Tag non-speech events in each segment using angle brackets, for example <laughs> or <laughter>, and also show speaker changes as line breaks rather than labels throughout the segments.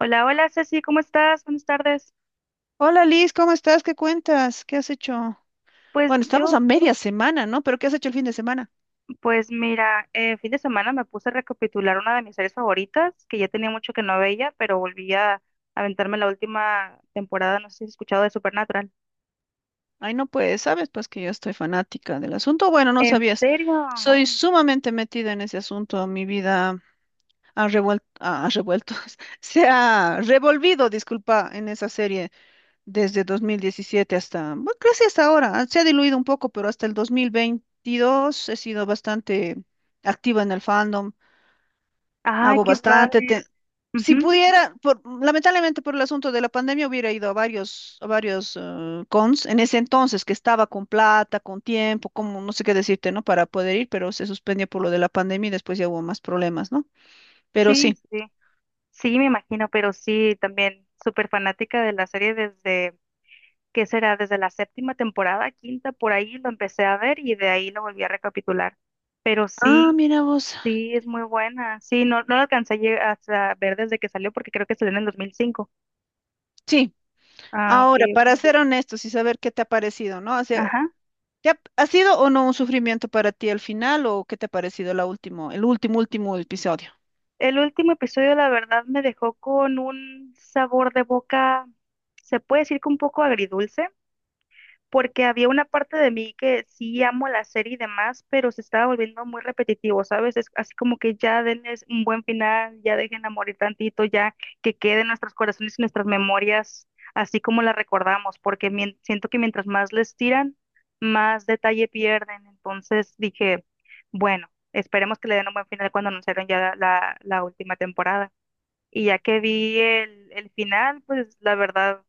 Hola, hola Ceci, ¿cómo estás? Buenas tardes.
Hola Liz, ¿cómo estás? ¿Qué cuentas? ¿Qué has hecho?
Pues
Bueno, estamos
yo,
a media semana, ¿no? Pero ¿qué has hecho el fin de semana?
pues mira, fin de semana me puse a recapitular una de mis series favoritas, que ya tenía mucho que no veía, pero volví a aventarme la última temporada, no sé si has escuchado de Supernatural.
Ay, no puedes, sabes, pues que yo estoy fanática del asunto. Bueno, no
¿En
sabías.
serio?
Soy sumamente metida en ese asunto. Mi vida ha revuelto, <laughs> se ha revolvido, disculpa, en esa serie desde 2017 hasta, bueno, casi hasta ahora. Se ha diluido un poco, pero hasta el 2022 he sido bastante activa en el fandom.
Ay,
Hago ah,
qué
bastante.
padre.
Te- Si sí.
Ujú.
Pudiera, por- lamentablemente por el asunto de la pandemia hubiera ido a varios, cons en ese entonces que estaba con plata, con tiempo, como no sé qué decirte, ¿no? Para poder ir, pero se suspendió por lo de la pandemia y después ya hubo más problemas, ¿no? Pero
Sí,
sí.
sí, sí, me imagino, pero sí, también súper fanática de la serie desde, ¿qué será? Desde la séptima temporada, quinta, por ahí lo empecé a ver y de ahí lo volví a recapitular. Pero
Ah,
sí.
mira vos.
Sí, es muy buena. Sí, no, no la alcancé a lle- hasta ver desde que salió porque creo que salió en el 2005.
Sí.
Ah, ok,
Ahora, para
ok.
ser honestos y saber qué te ha parecido, ¿no? O sea,
Ajá.
¿te ha, ha sido o no un sufrimiento para ti al final o qué te ha parecido el último episodio?
El último episodio, la verdad, me dejó con un sabor de boca, se puede decir que un poco agridulce, porque había una parte de mí que sí amo la serie y demás, pero se estaba volviendo muy repetitivo, ¿sabes? Es así como que ya denles un buen final, ya dejen a morir tantito, ya que quede en nuestros corazones y nuestras memorias, así como la recordamos, porque mien- siento que mientras más les tiran, más detalle pierden. Entonces dije, bueno, esperemos que le den un buen final cuando anunciaron ya la última temporada. Y ya que vi el final, pues la verdad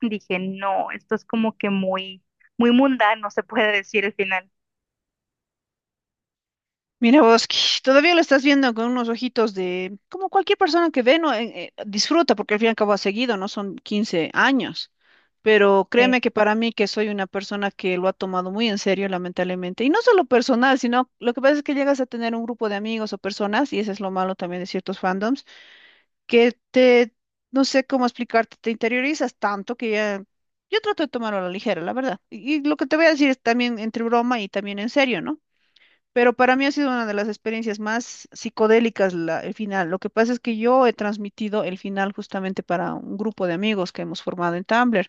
dije, no, esto es como que muy, muy mundano, se puede decir el final.
Mira vos, que <laughs> todavía lo estás viendo con unos ojitos de, como cualquier persona que ve, ¿no? Disfruta, porque al fin y al cabo ha seguido, ¿no? Son 15 años. Pero
Sí,
créeme que para mí, que soy una persona que lo ha tomado muy en serio, lamentablemente, y no solo personal, sino lo que pasa es que llegas a tener un grupo de amigos o personas, y ese es lo malo también de ciertos fandoms, que te, no sé cómo explicarte, te interiorizas tanto que ya, yo trato de tomarlo a la ligera, la verdad. Y lo que te voy a decir es también entre broma y también en serio, ¿no? Pero para mí ha sido una de las experiencias más psicodélicas la- el final. Lo que pasa es que yo he transmitido el final justamente para un grupo de amigos que hemos formado en Tumblr.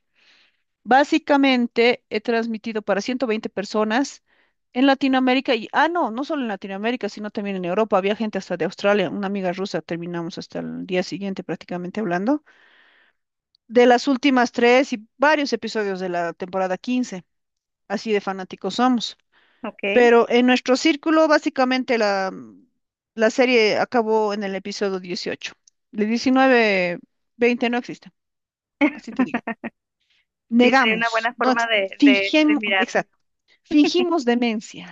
Básicamente he transmitido para 120 personas en Latinoamérica y, ah, no, no solo en Latinoamérica, sino también en Europa. Había gente hasta de Australia, una amiga rusa, terminamos hasta el día siguiente prácticamente hablando, de las últimas tres y varios episodios de la temporada 15. Así de fanáticos somos.
ok.
Pero en nuestro círculo, básicamente la serie acabó en el episodio 18. El 19, 20 no existe, así te digo.
Sí, sería
Negamos,
una buena
no
forma
ex-
de, de
fingimos,
mirarlo.
exacto, fingimos demencia,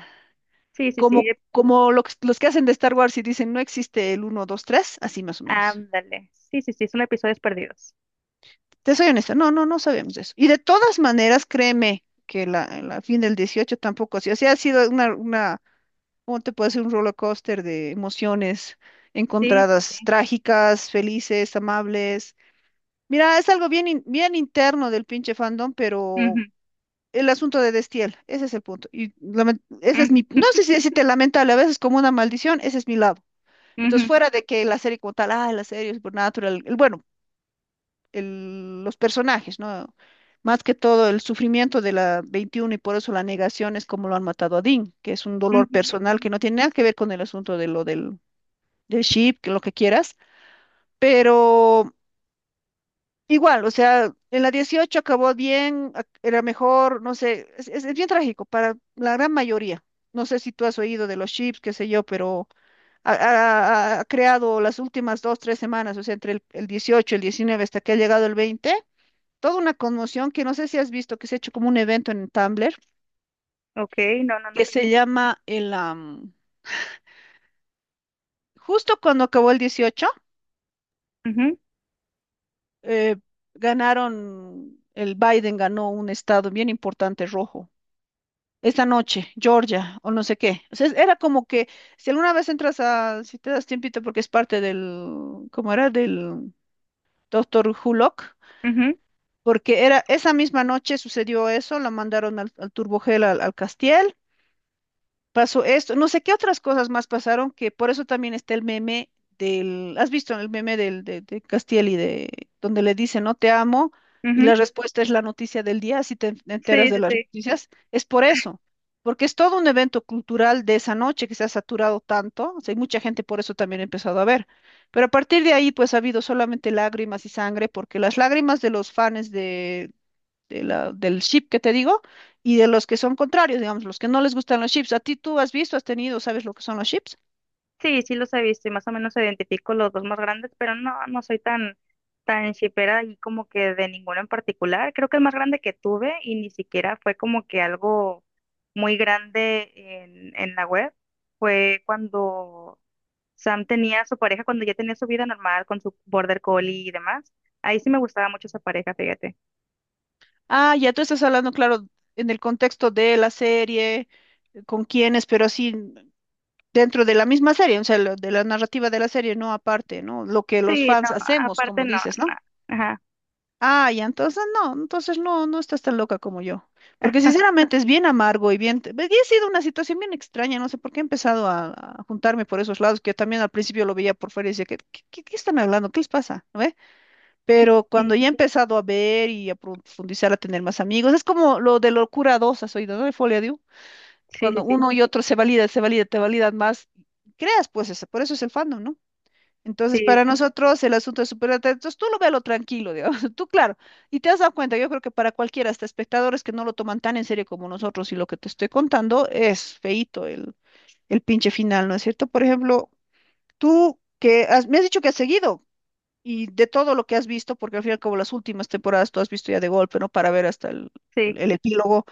Sí, sí, sí.
como, como lo que- los que hacen de Star Wars y dicen no existe el 1, 2, 3, así más o menos.
Ándale. Sí, sí, sí, son episodios perdidos.
Te soy honesta, no, no, no sabemos de eso. Y de todas maneras, créeme que la fin del 18 tampoco ha sido, o sea, ha sido una ¿cómo te puede ser un roller coaster de emociones
Sí.
encontradas, trágicas, felices, amables? Mira, es algo bien, in- bien interno del pinche fandom, pero
Ujú,
el asunto de Destiel, ese es el punto. Y lament- ese
ujú,
es mi, no sé si
<laughs>
decirte lamentable, a veces como una maldición, ese es mi lado. Entonces,
ujú,
fuera de que la serie como tal, ah, la serie es natural, el, bueno, el- los personajes, ¿no? Más que todo el sufrimiento de la 21 y por eso la negación es como lo han matado a Dean, que es un dolor
ujú, ujú.
personal que no tiene nada que ver con el asunto de lo del de ship, que lo que quieras, pero igual, o sea, en la 18 acabó bien, ac- era mejor, no sé, es bien trágico para la gran mayoría. No sé si tú has oído de los chips, qué sé yo, pero ha creado las últimas dos, tres semanas, o sea, entre el 18 y el 19 hasta que ha llegado el 20 toda una conmoción que no sé si has visto, que se ha hecho como un evento en Tumblr,
Ok, no, no,
que
no.
se llama el... am, justo cuando acabó el 18
Ujú,
eh, ganaron, el Biden ganó un estado bien importante rojo. Esta noche, Georgia, o no sé qué. O sea, era como que, si alguna vez entras a, si te das tiempito, porque es parte del, ¿cómo era? Del doctor Hulock,
ujú,
porque era, esa misma noche sucedió eso, la mandaron al, al Turbogel, al, al Castiel, pasó esto, no sé qué otras cosas más pasaron, que por eso también está el meme del, ¿has visto el meme del, de Castiel y de, donde le dice, no te amo, y la
ujú.
respuesta es la noticia del día, si te en- enteras
Sí,
de
sí,
las
sí.
noticias, es por eso, porque es todo un evento cultural de esa noche que se ha saturado tanto, o sea, hay mucha gente por eso también ha empezado a ver, pero a partir de ahí pues ha habido solamente lágrimas y sangre, porque las lágrimas de los fans de la- del chip que te digo, y de los que son contrarios, digamos, los que no les gustan los chips. ¿A ti tú has visto, has tenido, sabes lo que son los chips?
Sí, sí los he visto y más o menos identifico los dos más grandes, pero no, no soy tan, tan shippera y como que de ninguno en particular. Creo que el más grande que tuve y ni siquiera fue como que algo muy grande en la web fue cuando Sam tenía a su pareja, cuando ya tenía su vida normal con su border collie y demás. Ahí sí me gustaba mucho esa pareja, fíjate.
Ah, ya tú estás hablando, claro, en el contexto de la serie, con quiénes, pero así dentro de la misma serie, o sea, lo- de la narrativa de la serie, no aparte, ¿no? Lo que los
Sí, no,
fans hacemos,
aparte
como
no,
dices,
no.
¿no?
Ajá.
Ah, ya, entonces no, no estás tan loca como yo. Porque
<laughs>
sinceramente es bien amargo y bien... pues, y ha sido una situación bien extraña, no sé por qué he empezado a juntarme por esos lados, que yo también al principio lo veía por fuera y decía, ¿Qué están hablando? ¿Qué les pasa? ¿No ve? Pero cuando ya he
Sí,
empezado a ver y a profundizar, a tener más amigos, es como lo de locura dos, has oído, ¿no? De Folia Diu.
sí, sí,
Cuando
sí,
uno y otro se valida, te validan más, creas pues eso, por eso es el fandom, ¿no? Entonces,
sí,
para nosotros el asunto es súper atractivo. Entonces, tú lo véalo tranquilo, digamos. <laughs> Tú, claro. Y te has dado cuenta, yo creo que para cualquiera, hasta espectadores que no lo toman tan en serio como nosotros y lo que te estoy contando, es feíto el pinche final, ¿no es cierto? Por ejemplo, tú que has- me has dicho que has seguido y de todo lo que has visto, porque al final como las últimas temporadas tú has visto ya de golpe, ¿no? Para ver hasta el,
sí.
el epílogo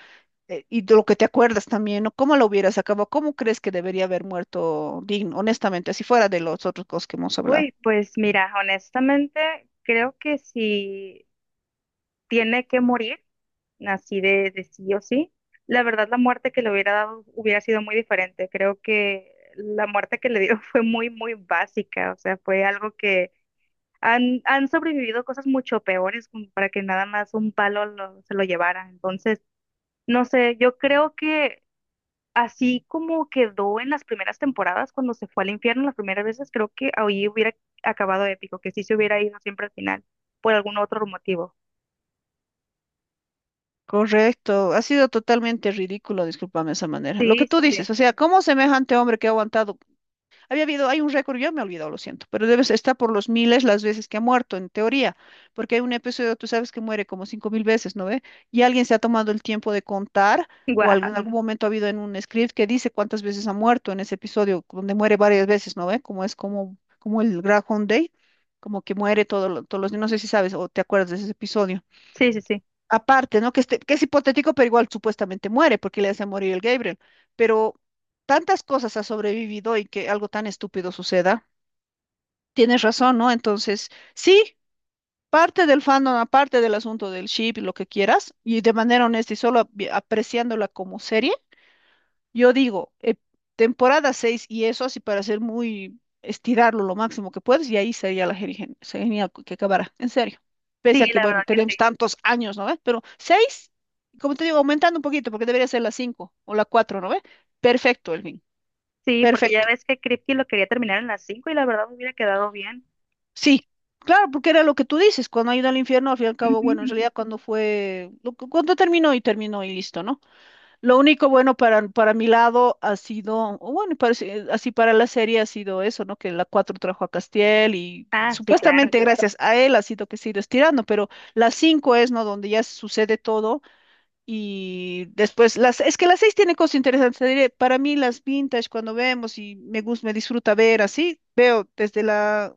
y de lo que te acuerdas también, ¿no? ¿Cómo lo hubieras acabado? ¿Cómo crees que debería haber muerto Dean, honestamente, si fuera de los otros cosas que hemos hablado?
Uy, pues mira, honestamente creo que si tiene que morir, así de sí o sí, la verdad la muerte que le hubiera dado hubiera sido muy diferente. Creo que la muerte que le dio <laughs> fue muy, muy básica, o sea, fue algo que han sobrevivido cosas mucho peores como para que nada más un palo lo- se lo llevara. Entonces, no sé, yo creo que así como quedó en las primeras temporadas cuando se fue al infierno las primeras veces, creo que ahí hubiera acabado épico, que sí se hubiera ido siempre al final, por algún otro motivo.
Correcto, ha sido totalmente ridículo, discúlpame de esa manera. Lo que
Sí, sí,
tú
sí.
dices, o sea, ¿cómo semejante hombre que ha aguantado? Había habido, hay un récord, yo me he olvidado, lo siento, pero debe estar por los miles las veces que ha muerto, en teoría, porque hay un episodio, tú sabes que muere como 5000 veces, ¿no ve? Y alguien se ha tomado el tiempo de contar,
<laughs>
o
Guau.
algún- en algún momento ha habido en un script que dice cuántas veces ha muerto en ese episodio, donde muere varias veces, ¿no ve? Como es como, como el Groundhog Day, como que muere todo, lo- todos los días, no sé si sabes o te acuerdas de ese episodio
Sí, sí, sí.
aparte, ¿no? Que, este- que es hipotético, pero igual supuestamente muere porque le hace morir el Gabriel. Pero tantas cosas ha sobrevivido y que algo tan estúpido suceda. Tienes razón, ¿no? Entonces, sí, parte del fandom, aparte del asunto del ship y lo que quieras, y de manera honesta y solo ap- apreciándola como serie. Yo digo, temporada 6 y eso así para ser muy estirarlo lo máximo que puedes y ahí sería la genial, genial que acabará, en serio.
Sí,
Pese a que,
la verdad
bueno,
que sí.
tenemos tantos años, ¿no ves? Pero 6 como te digo, aumentando un poquito porque debería ser la 5 o la cuatro, ¿no ves? Perfecto, Elvin,
Sí, porque ya
perfecto.
ves que Kripke lo quería terminar en las 5 y la verdad hubiera quedado bien.
Sí, claro, porque era lo que tú dices, cuando ha ido al infierno, al fin y al cabo,
Ujú,
bueno, en
ujú.
realidad cuando fue, lo que- cuando terminó y terminó y listo, ¿no? Lo único bueno para mi lado ha sido, o bueno, parece- así para la serie ha sido eso, ¿no? Que la 4 trajo a Castiel y
Ah, sí, claro.
supuestamente gracias a él ha sido que se ha ido estirando, pero la 5 es, ¿no? Donde ya sucede todo y después, las, es que la 6 tiene cosas interesantes. Te diré, para mí las vintage cuando vemos y me gusta, me disfruta ver así, veo desde la,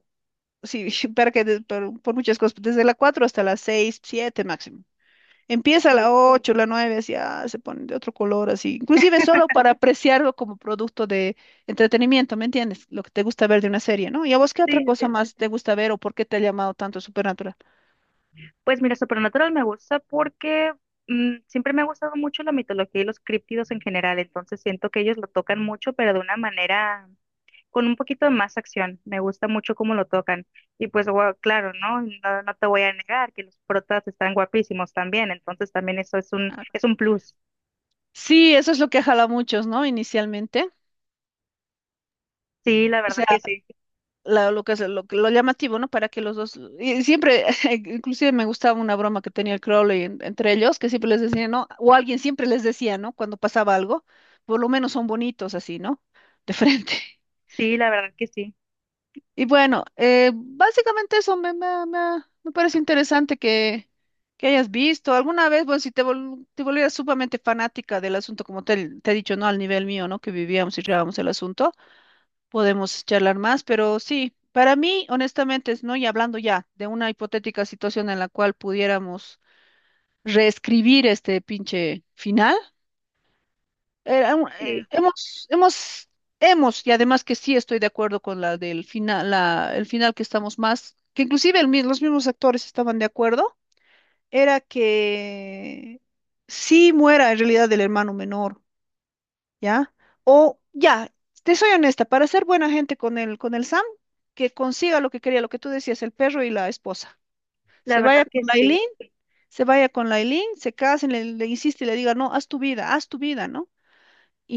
sí, <laughs> para que, de- por muchas cosas, desde la 4 hasta la 6 7 máximo. Empieza a la
Sí,
8 la 9 así ah, se pone de otro color, así. Inclusive solo para apreciarlo como producto de entretenimiento, ¿me entiendes? Lo que te gusta ver de una serie, ¿no? ¿Y a vos qué otra
sí, sí.
cosa
Sí.
más te gusta ver o por qué te ha llamado tanto Supernatural?
Pues mira, Supernatural me gusta porque siempre me ha gustado mucho la mitología y los críptidos en general, entonces siento que ellos lo tocan mucho, pero de una manera con un poquito de más acción. Me gusta mucho cómo lo tocan. Y pues, gua- claro, ¿no? No, no te voy a negar que los protas están guapísimos también. Entonces también eso
Ah,
es un plus.
sí, eso es lo que jala a muchos, ¿no? Inicialmente.
Sí, la
O sea,
verdad que sí.
la- lo que es lo llamativo, ¿no? Para que los dos. Y siempre, <laughs> inclusive me gustaba una broma que tenía el Crowley en- entre ellos, que siempre les decía, ¿no? O alguien siempre les decía, ¿no? Cuando pasaba algo, por lo menos son bonitos así, ¿no? De frente.
Sí, la verdad que sí.
Y bueno, básicamente eso me, me, me parece interesante que hayas visto. Alguna vez, bueno, si te, vol- te volvieras sumamente fanática del asunto, como te he dicho, ¿no? Al nivel mío, ¿no? Que vivíamos y llevábamos el asunto, podemos charlar más, pero sí, para mí, honestamente, es, ¿no? Y hablando ya de una hipotética situación en la cual pudiéramos reescribir este pinche final. Era un-
Sí,
hemos, y además que sí estoy de acuerdo con la del final, la, el final que estamos más, que inclusive el mi- los mismos actores estaban de acuerdo, era que sí muera en realidad el hermano menor, ¿ya? O ya, te soy honesta, para ser buena gente con el Sam, que consiga lo que quería, lo que tú decías, el perro y la esposa.
la
Se vaya
verdad
con
que
la
sí.
Aileen, se vaya con la Aileen, se casen, le insiste y le diga, no, haz tu vida, ¿no?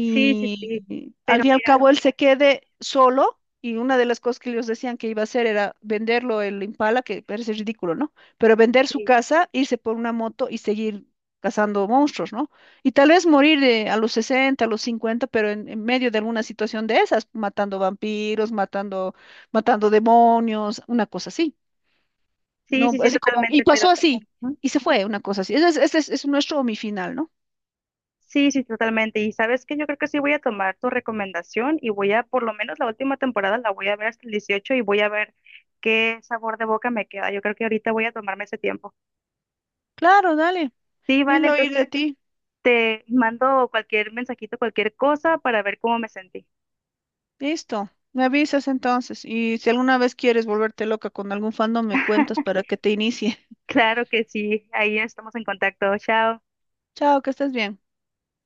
Sí, sí, sí.
al
Pero
fin y al
mira,
cabo él se quede solo y una de las cosas que ellos decían que iba a hacer era venderlo el Impala, que parece ridículo, ¿no? Pero vender su
sí,
casa, irse por una moto y seguir cazando monstruos, ¿no? Y tal vez morir de a los 60 a los cincuenta, pero en medio de alguna situación de esas, matando vampiros, matando, matando demonios, una cosa así,
sí,
¿no?
sí, sí,
Así como, y
totalmente, pero...
pasó así,
¿Mm?
y se fue, una cosa así. Ese es, es nuestro mi final, ¿no?
Sí, sí, totalmente. Y sabes que yo creo que sí voy a tomar tu recomendación y voy a, por lo menos la última temporada, la voy a ver hasta el 18 y voy a ver qué sabor de boca me queda. Yo creo que ahorita voy a tomarme ese tiempo.
Claro, dale.
Sí, vale,
Lindo oír
entonces
de ti.
te mando cualquier mensajito, cualquier cosa para ver cómo me sentí.
Listo, me avisas entonces y si alguna vez quieres volverte loca con algún fandom, me cuentas
<laughs>
para que te inicie. <laughs>
Claro que sí, ahí estamos en contacto. Chao.
Chao, que estés bien.